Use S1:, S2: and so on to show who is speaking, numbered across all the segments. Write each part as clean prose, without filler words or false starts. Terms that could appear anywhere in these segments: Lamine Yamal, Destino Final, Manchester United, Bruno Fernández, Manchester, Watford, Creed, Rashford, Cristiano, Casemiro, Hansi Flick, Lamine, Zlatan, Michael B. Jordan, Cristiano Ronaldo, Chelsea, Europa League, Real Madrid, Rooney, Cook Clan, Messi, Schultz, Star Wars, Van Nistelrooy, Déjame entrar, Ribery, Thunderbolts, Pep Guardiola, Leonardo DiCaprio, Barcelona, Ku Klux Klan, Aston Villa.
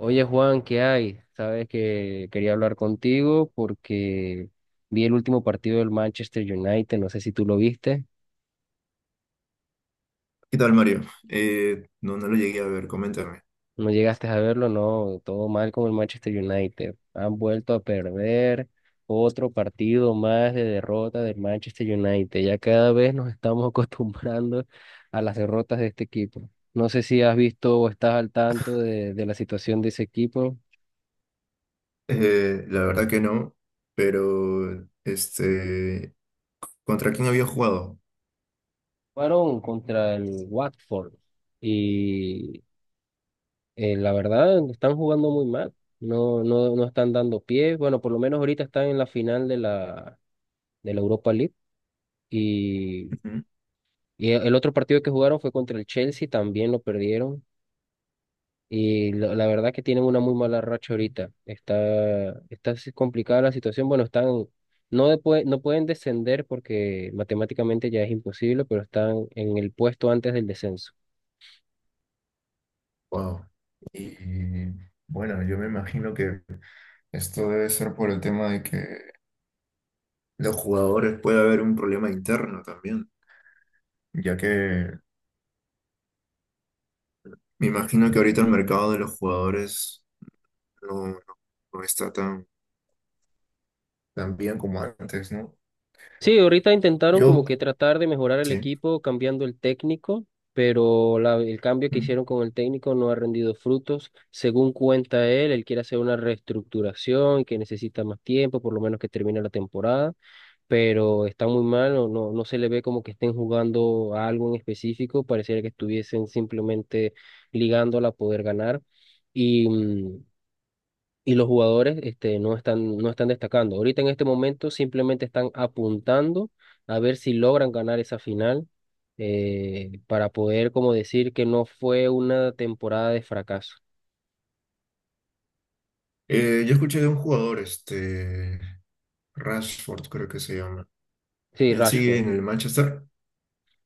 S1: Oye Juan, ¿qué hay? Sabes que quería hablar contigo porque vi el último partido del Manchester United, no sé si tú lo viste,
S2: ¿Qué tal, Mario? No, lo llegué a ver, coméntame.
S1: no llegaste a verlo, no, todo mal con el Manchester United. Han vuelto a perder otro partido más de derrota del Manchester United. Ya cada vez nos estamos acostumbrando a las derrotas de este equipo. No sé si has visto o estás al tanto de la situación de ese equipo.
S2: La verdad que no, pero ¿contra quién había jugado?
S1: Fueron contra el Watford. Y la verdad, están jugando muy mal. No, no, no están dando pie. Bueno, por lo menos ahorita están en la final de la Europa League. Y, y el otro partido que jugaron fue contra el Chelsea, también lo perdieron. Y la verdad que tienen una muy mala racha ahorita. Está así complicada la situación. Bueno, están, no, no pueden descender porque matemáticamente ya es imposible, pero están en el puesto antes del descenso.
S2: Wow. Y bueno, yo me imagino que esto debe ser por el tema de que los jugadores puede haber un problema interno también, ya que me imagino que ahorita el mercado de los jugadores no, no, no está tan bien como antes, ¿no?
S1: Sí, ahorita intentaron como
S2: Yo,
S1: que tratar de mejorar el
S2: sí.
S1: equipo cambiando el técnico, pero el cambio que hicieron con el técnico no ha rendido frutos. Según cuenta él, él quiere hacer una reestructuración que necesita más tiempo, por lo menos que termine la temporada, pero está muy mal, no, no, no se le ve como que estén jugando a algo en específico, pareciera que estuviesen simplemente ligándola a poder ganar. Y mm, y los jugadores este, no están destacando. Ahorita en este momento simplemente están apuntando a ver si logran ganar esa final para poder como decir que no fue una temporada de fracaso.
S2: Yo escuché de un jugador, Rashford creo que se llama.
S1: Sí,
S2: ¿Él sigue
S1: Rashford.
S2: en el Manchester?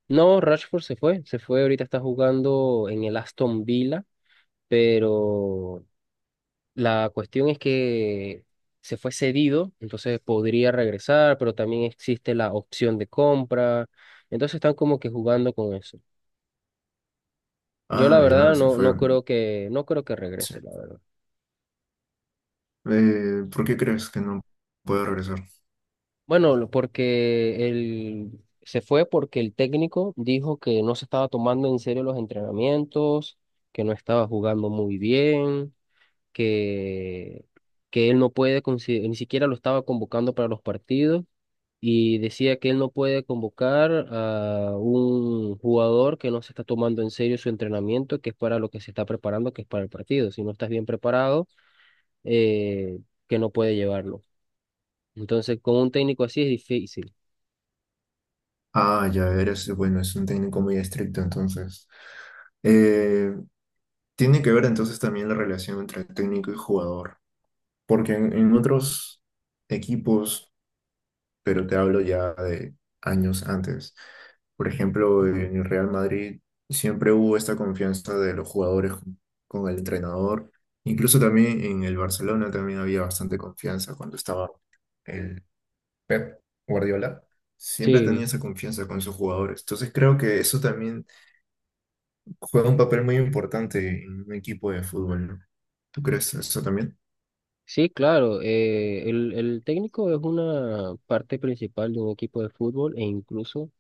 S1: No, Rashford se fue, ahorita está jugando en el Aston Villa, pero la cuestión es que se fue cedido, entonces podría regresar, pero también existe la opción de compra, entonces están como que jugando con eso. Yo la
S2: Ah, ya,
S1: verdad
S2: se
S1: no, no
S2: fue.
S1: creo que, no creo que
S2: Sí.
S1: regrese, la verdad.
S2: ¿Por qué crees que no puede regresar?
S1: Bueno, porque él se fue porque el técnico dijo que no se estaba tomando en serio los entrenamientos, que no estaba jugando muy bien, que, que él no puede, ni siquiera lo estaba convocando para los partidos y decía que él no puede convocar a un jugador que no se está tomando en serio su entrenamiento, que es para lo que se está preparando, que es para el partido. Si no estás bien preparado eh, que no puede llevarlo. Entonces, con un técnico así es difícil.
S2: Ah, ya, eres, bueno, es un técnico muy estricto, entonces. Eh, tiene que ver entonces también la relación entre técnico y jugador, porque en otros equipos, pero te hablo ya de años antes. Por ejemplo, en el Real Madrid siempre hubo esta confianza de los jugadores con el entrenador. Incluso también en el Barcelona también había bastante confianza cuando estaba el Pep Guardiola. Siempre tenía
S1: Sí,
S2: esa confianza con sus jugadores. Entonces creo que eso también juega un papel muy importante en un equipo de fútbol, ¿no? ¿Tú crees eso también?
S1: sí, claro. El técnico es una parte principal de un equipo de fútbol e incluso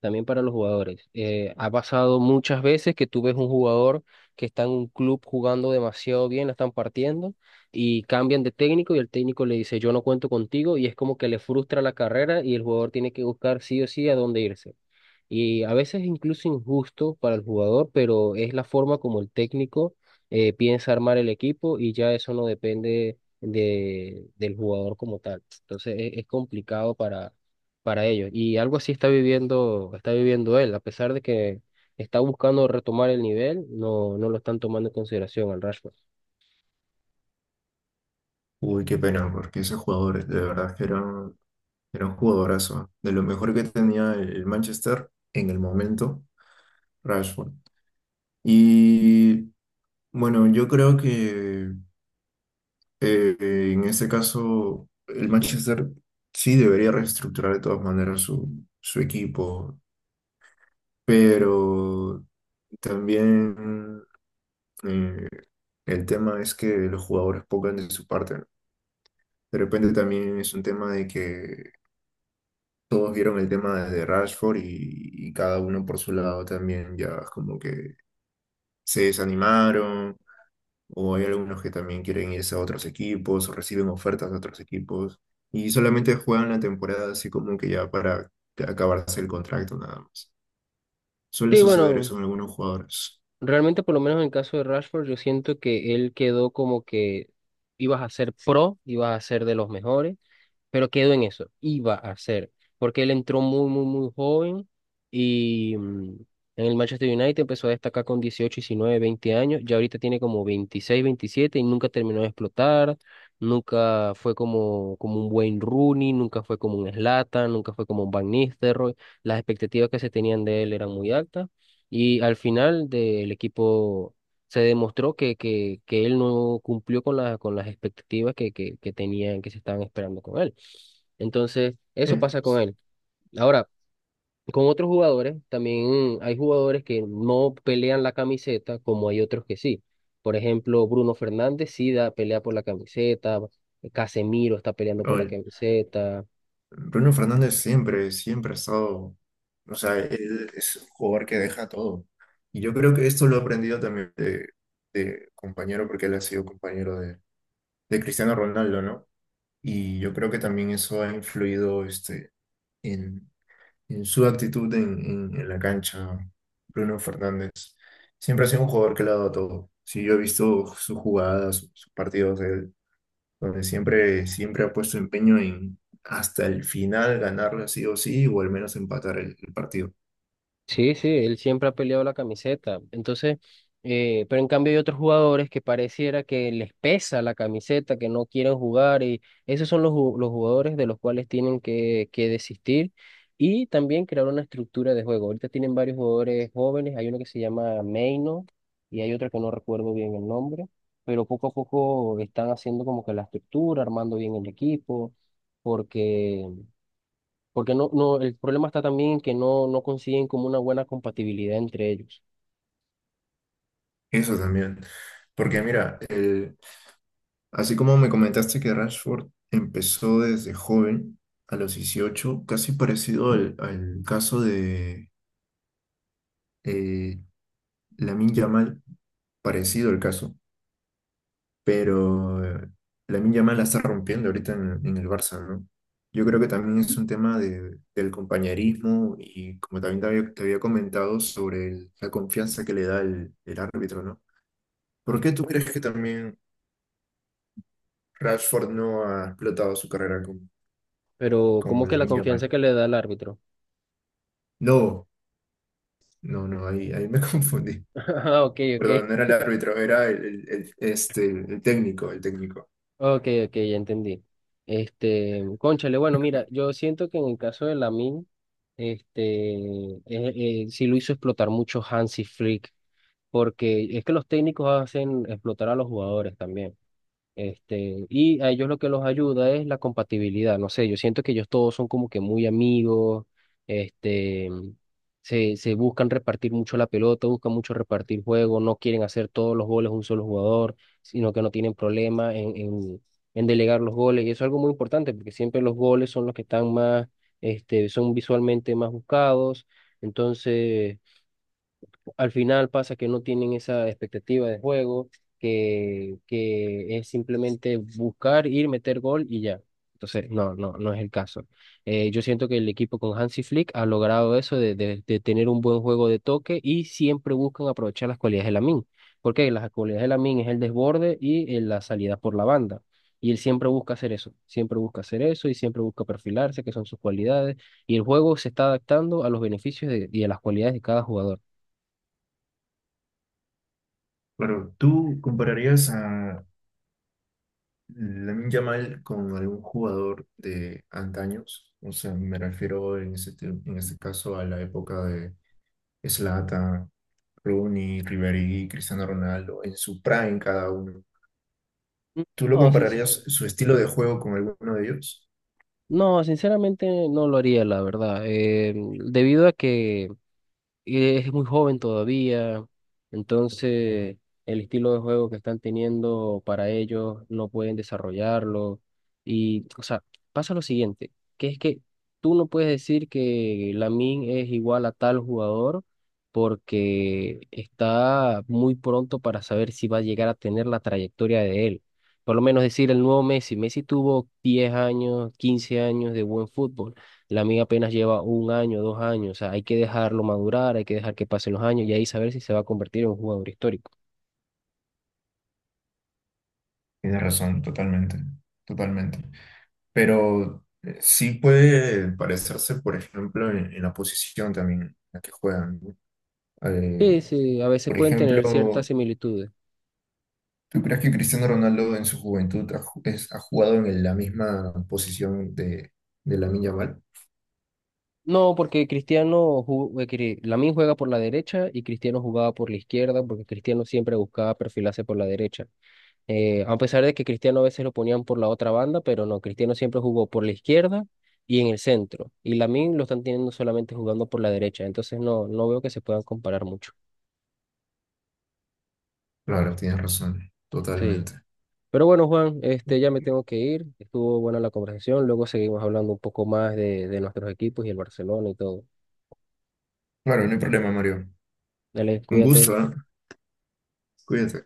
S1: también para los jugadores. Ha pasado muchas veces que tú ves un jugador que está en un club jugando demasiado bien, la están partiendo y cambian de técnico y el técnico le dice, yo no cuento contigo y es como que le frustra la carrera y el jugador tiene que buscar sí o sí a dónde irse. Y a veces incluso injusto para el jugador, pero es la forma como el técnico piensa armar el equipo y ya eso no depende del jugador como tal. Entonces es complicado para ellos y algo así está viviendo, él, a pesar de que está buscando retomar el nivel, no, no lo están tomando en consideración al Rashford.
S2: Uy, qué pena, porque esos jugadores de verdad que eran, era un jugadorazo, ¿eh?, de lo mejor que tenía el Manchester en el momento, Rashford. Y bueno, yo creo que en este caso el Manchester sí debería reestructurar de todas maneras su equipo, pero también eh, el tema es que los jugadores pongan de su parte, ¿no? De repente también es un tema de que todos vieron el tema desde Rashford y cada uno por su lado también ya es como que se desanimaron o hay algunos que también quieren irse a otros equipos o reciben ofertas de otros equipos y solamente juegan la temporada así como que ya para acabarse el contrato nada más. Suele
S1: Sí,
S2: suceder eso
S1: bueno,
S2: en algunos jugadores.
S1: realmente por lo menos en el caso de Rashford, yo siento que él quedó como que ibas a ser pro, ibas a ser de los mejores pero quedó en eso, iba a ser, porque él entró muy, muy, muy joven y en el Manchester United empezó a destacar con 18, 19, 20 años, ya ahorita tiene como 26 27 y nunca terminó de explotar, nunca fue como un buen Rooney, nunca fue como un Zlatan, nunca fue como un Van Nistelrooy, las expectativas que se tenían de él eran muy altas. Y al final del equipo se demostró que él no cumplió con con las expectativas que tenían, que se estaban esperando con él. Entonces, eso
S2: Eh,
S1: pasa con él. Ahora, con otros jugadores, también hay jugadores que no pelean la camiseta como hay otros que sí. Por ejemplo, Bruno Fernández sí da, pelea por la camiseta, Casemiro está peleando por la
S2: Raúl,
S1: camiseta,
S2: Bruno Fernández siempre, siempre ha estado, o sea, él es un jugador que deja todo. Y yo creo que esto lo he aprendido también de compañero, porque él ha sido compañero de Cristiano Ronaldo, ¿no? Y yo creo que también eso ha influido en, en su actitud en la cancha, Bruno Fernández. Siempre ha sido un jugador que le ha dado todo. Sí, yo he visto sus jugadas, sus partidos, donde siempre, siempre ha puesto empeño en hasta el final ganarla sí o sí, o al menos empatar el partido.
S1: sí, sí, él siempre ha peleado la camiseta. Entonces, pero en cambio hay otros jugadores que pareciera que les pesa la camiseta, que no quieren jugar y esos son los jugadores de los cuales tienen que desistir y también crear una estructura de juego. Ahorita tienen varios jugadores jóvenes, hay uno que se llama Meino y hay otro que no recuerdo bien el nombre, pero poco a poco están haciendo como que la estructura, armando bien el equipo, porque... Porque no, no, el problema está también que no, no consiguen como una buena compatibilidad entre ellos.
S2: Eso también. Porque mira, así como me comentaste que Rashford empezó desde joven, a los 18 casi parecido al caso de eh, Lamine Yamal, parecido el caso. Pero Lamine Yamal la está rompiendo ahorita en el Barça, ¿no? Yo creo que también es un tema del compañerismo y como también te había comentado sobre la confianza que le da el árbitro, ¿no? ¿Por qué tú crees que también Rashford no ha explotado su carrera como,
S1: Pero
S2: como
S1: como que la
S2: Lamine
S1: confianza
S2: Yamal?
S1: que le da el árbitro.
S2: No, no, ahí me confundí.
S1: Ah, ok, ok.
S2: Perdón, no era el árbitro, era el técnico, el técnico.
S1: Ok, ok, ya entendí. Este, cónchale, bueno, mira, yo siento que en el caso de Lamin, este, sí lo hizo explotar mucho Hansi Flick, porque es que los técnicos hacen explotar a los jugadores también. Este, y a ellos lo que los ayuda es la compatibilidad. No sé, yo siento que ellos todos son como que muy amigos, este, se buscan repartir mucho la pelota, buscan mucho repartir juego, no quieren hacer todos los goles un solo jugador, sino que no tienen problema en, delegar los goles. Y eso es algo muy importante porque siempre los goles son los que están más, este, son visualmente más buscados. Entonces al final pasa que no tienen esa expectativa de juego, que es simplemente buscar, ir, meter gol y ya. Entonces, no, no, no es el caso. Yo siento que el equipo con Hansi Flick ha logrado eso de tener un buen juego de toque y siempre buscan aprovechar las cualidades de Lamine, porque las cualidades de Lamine es el desborde y la salida por la banda. Y él siempre busca hacer eso, siempre busca hacer eso y siempre busca perfilarse, que son sus cualidades. Y el juego se está adaptando a los beneficios y a las cualidades de cada jugador.
S2: Bueno, ¿tú compararías a Lamine Yamal con algún jugador de antaños? O sea, me refiero en en este caso a la época de Zlatan, Rooney, Ribery, Cristiano Ronaldo, en su prime cada uno. ¿Tú lo
S1: No,
S2: compararías su estilo de juego con alguno de ellos?
S1: sinceramente no lo haría, la verdad. Debido a que es muy joven todavía, entonces el estilo de juego que están teniendo para ellos no pueden desarrollarlo. Y, o sea, pasa lo siguiente, que es que tú no puedes decir que Lamine es igual a tal jugador porque está muy pronto para saber si va a llegar a tener la trayectoria de él. Por lo menos decir el nuevo Messi. Messi tuvo 10 años, 15 años de buen fútbol. La mía apenas lleva un año, 2 años, o sea, hay que dejarlo madurar, hay que dejar que pasen los años y ahí saber si se va a convertir en un jugador histórico.
S2: Tienes razón, totalmente, totalmente. Pero sí puede parecerse, por ejemplo, en la posición también en la que juegan, ¿no? Eh,
S1: Sí, sí, a veces
S2: por
S1: pueden tener ciertas
S2: ejemplo,
S1: similitudes.
S2: ¿tú crees que Cristiano Ronaldo en su juventud ha, ha jugado en la misma posición de Lamine Yamal?
S1: No, porque Cristiano, Lamine juega por la derecha y Cristiano jugaba por la izquierda, porque Cristiano siempre buscaba perfilarse por la derecha. A pesar de que Cristiano a veces lo ponían por la otra banda, pero no, Cristiano siempre jugó por la izquierda y en el centro. Y Lamine lo están teniendo solamente jugando por la derecha, entonces no, no veo que se puedan comparar mucho.
S2: Claro, tienes razón,
S1: Sí.
S2: totalmente.
S1: Pero bueno, Juan, este, ya me tengo que ir. Estuvo buena la conversación. Luego seguimos hablando un poco más de nuestros equipos y el Barcelona y todo.
S2: Bueno, no hay problema, Mario.
S1: Dale,
S2: Un
S1: cuídate.
S2: gusto, ¿eh? Cuídate.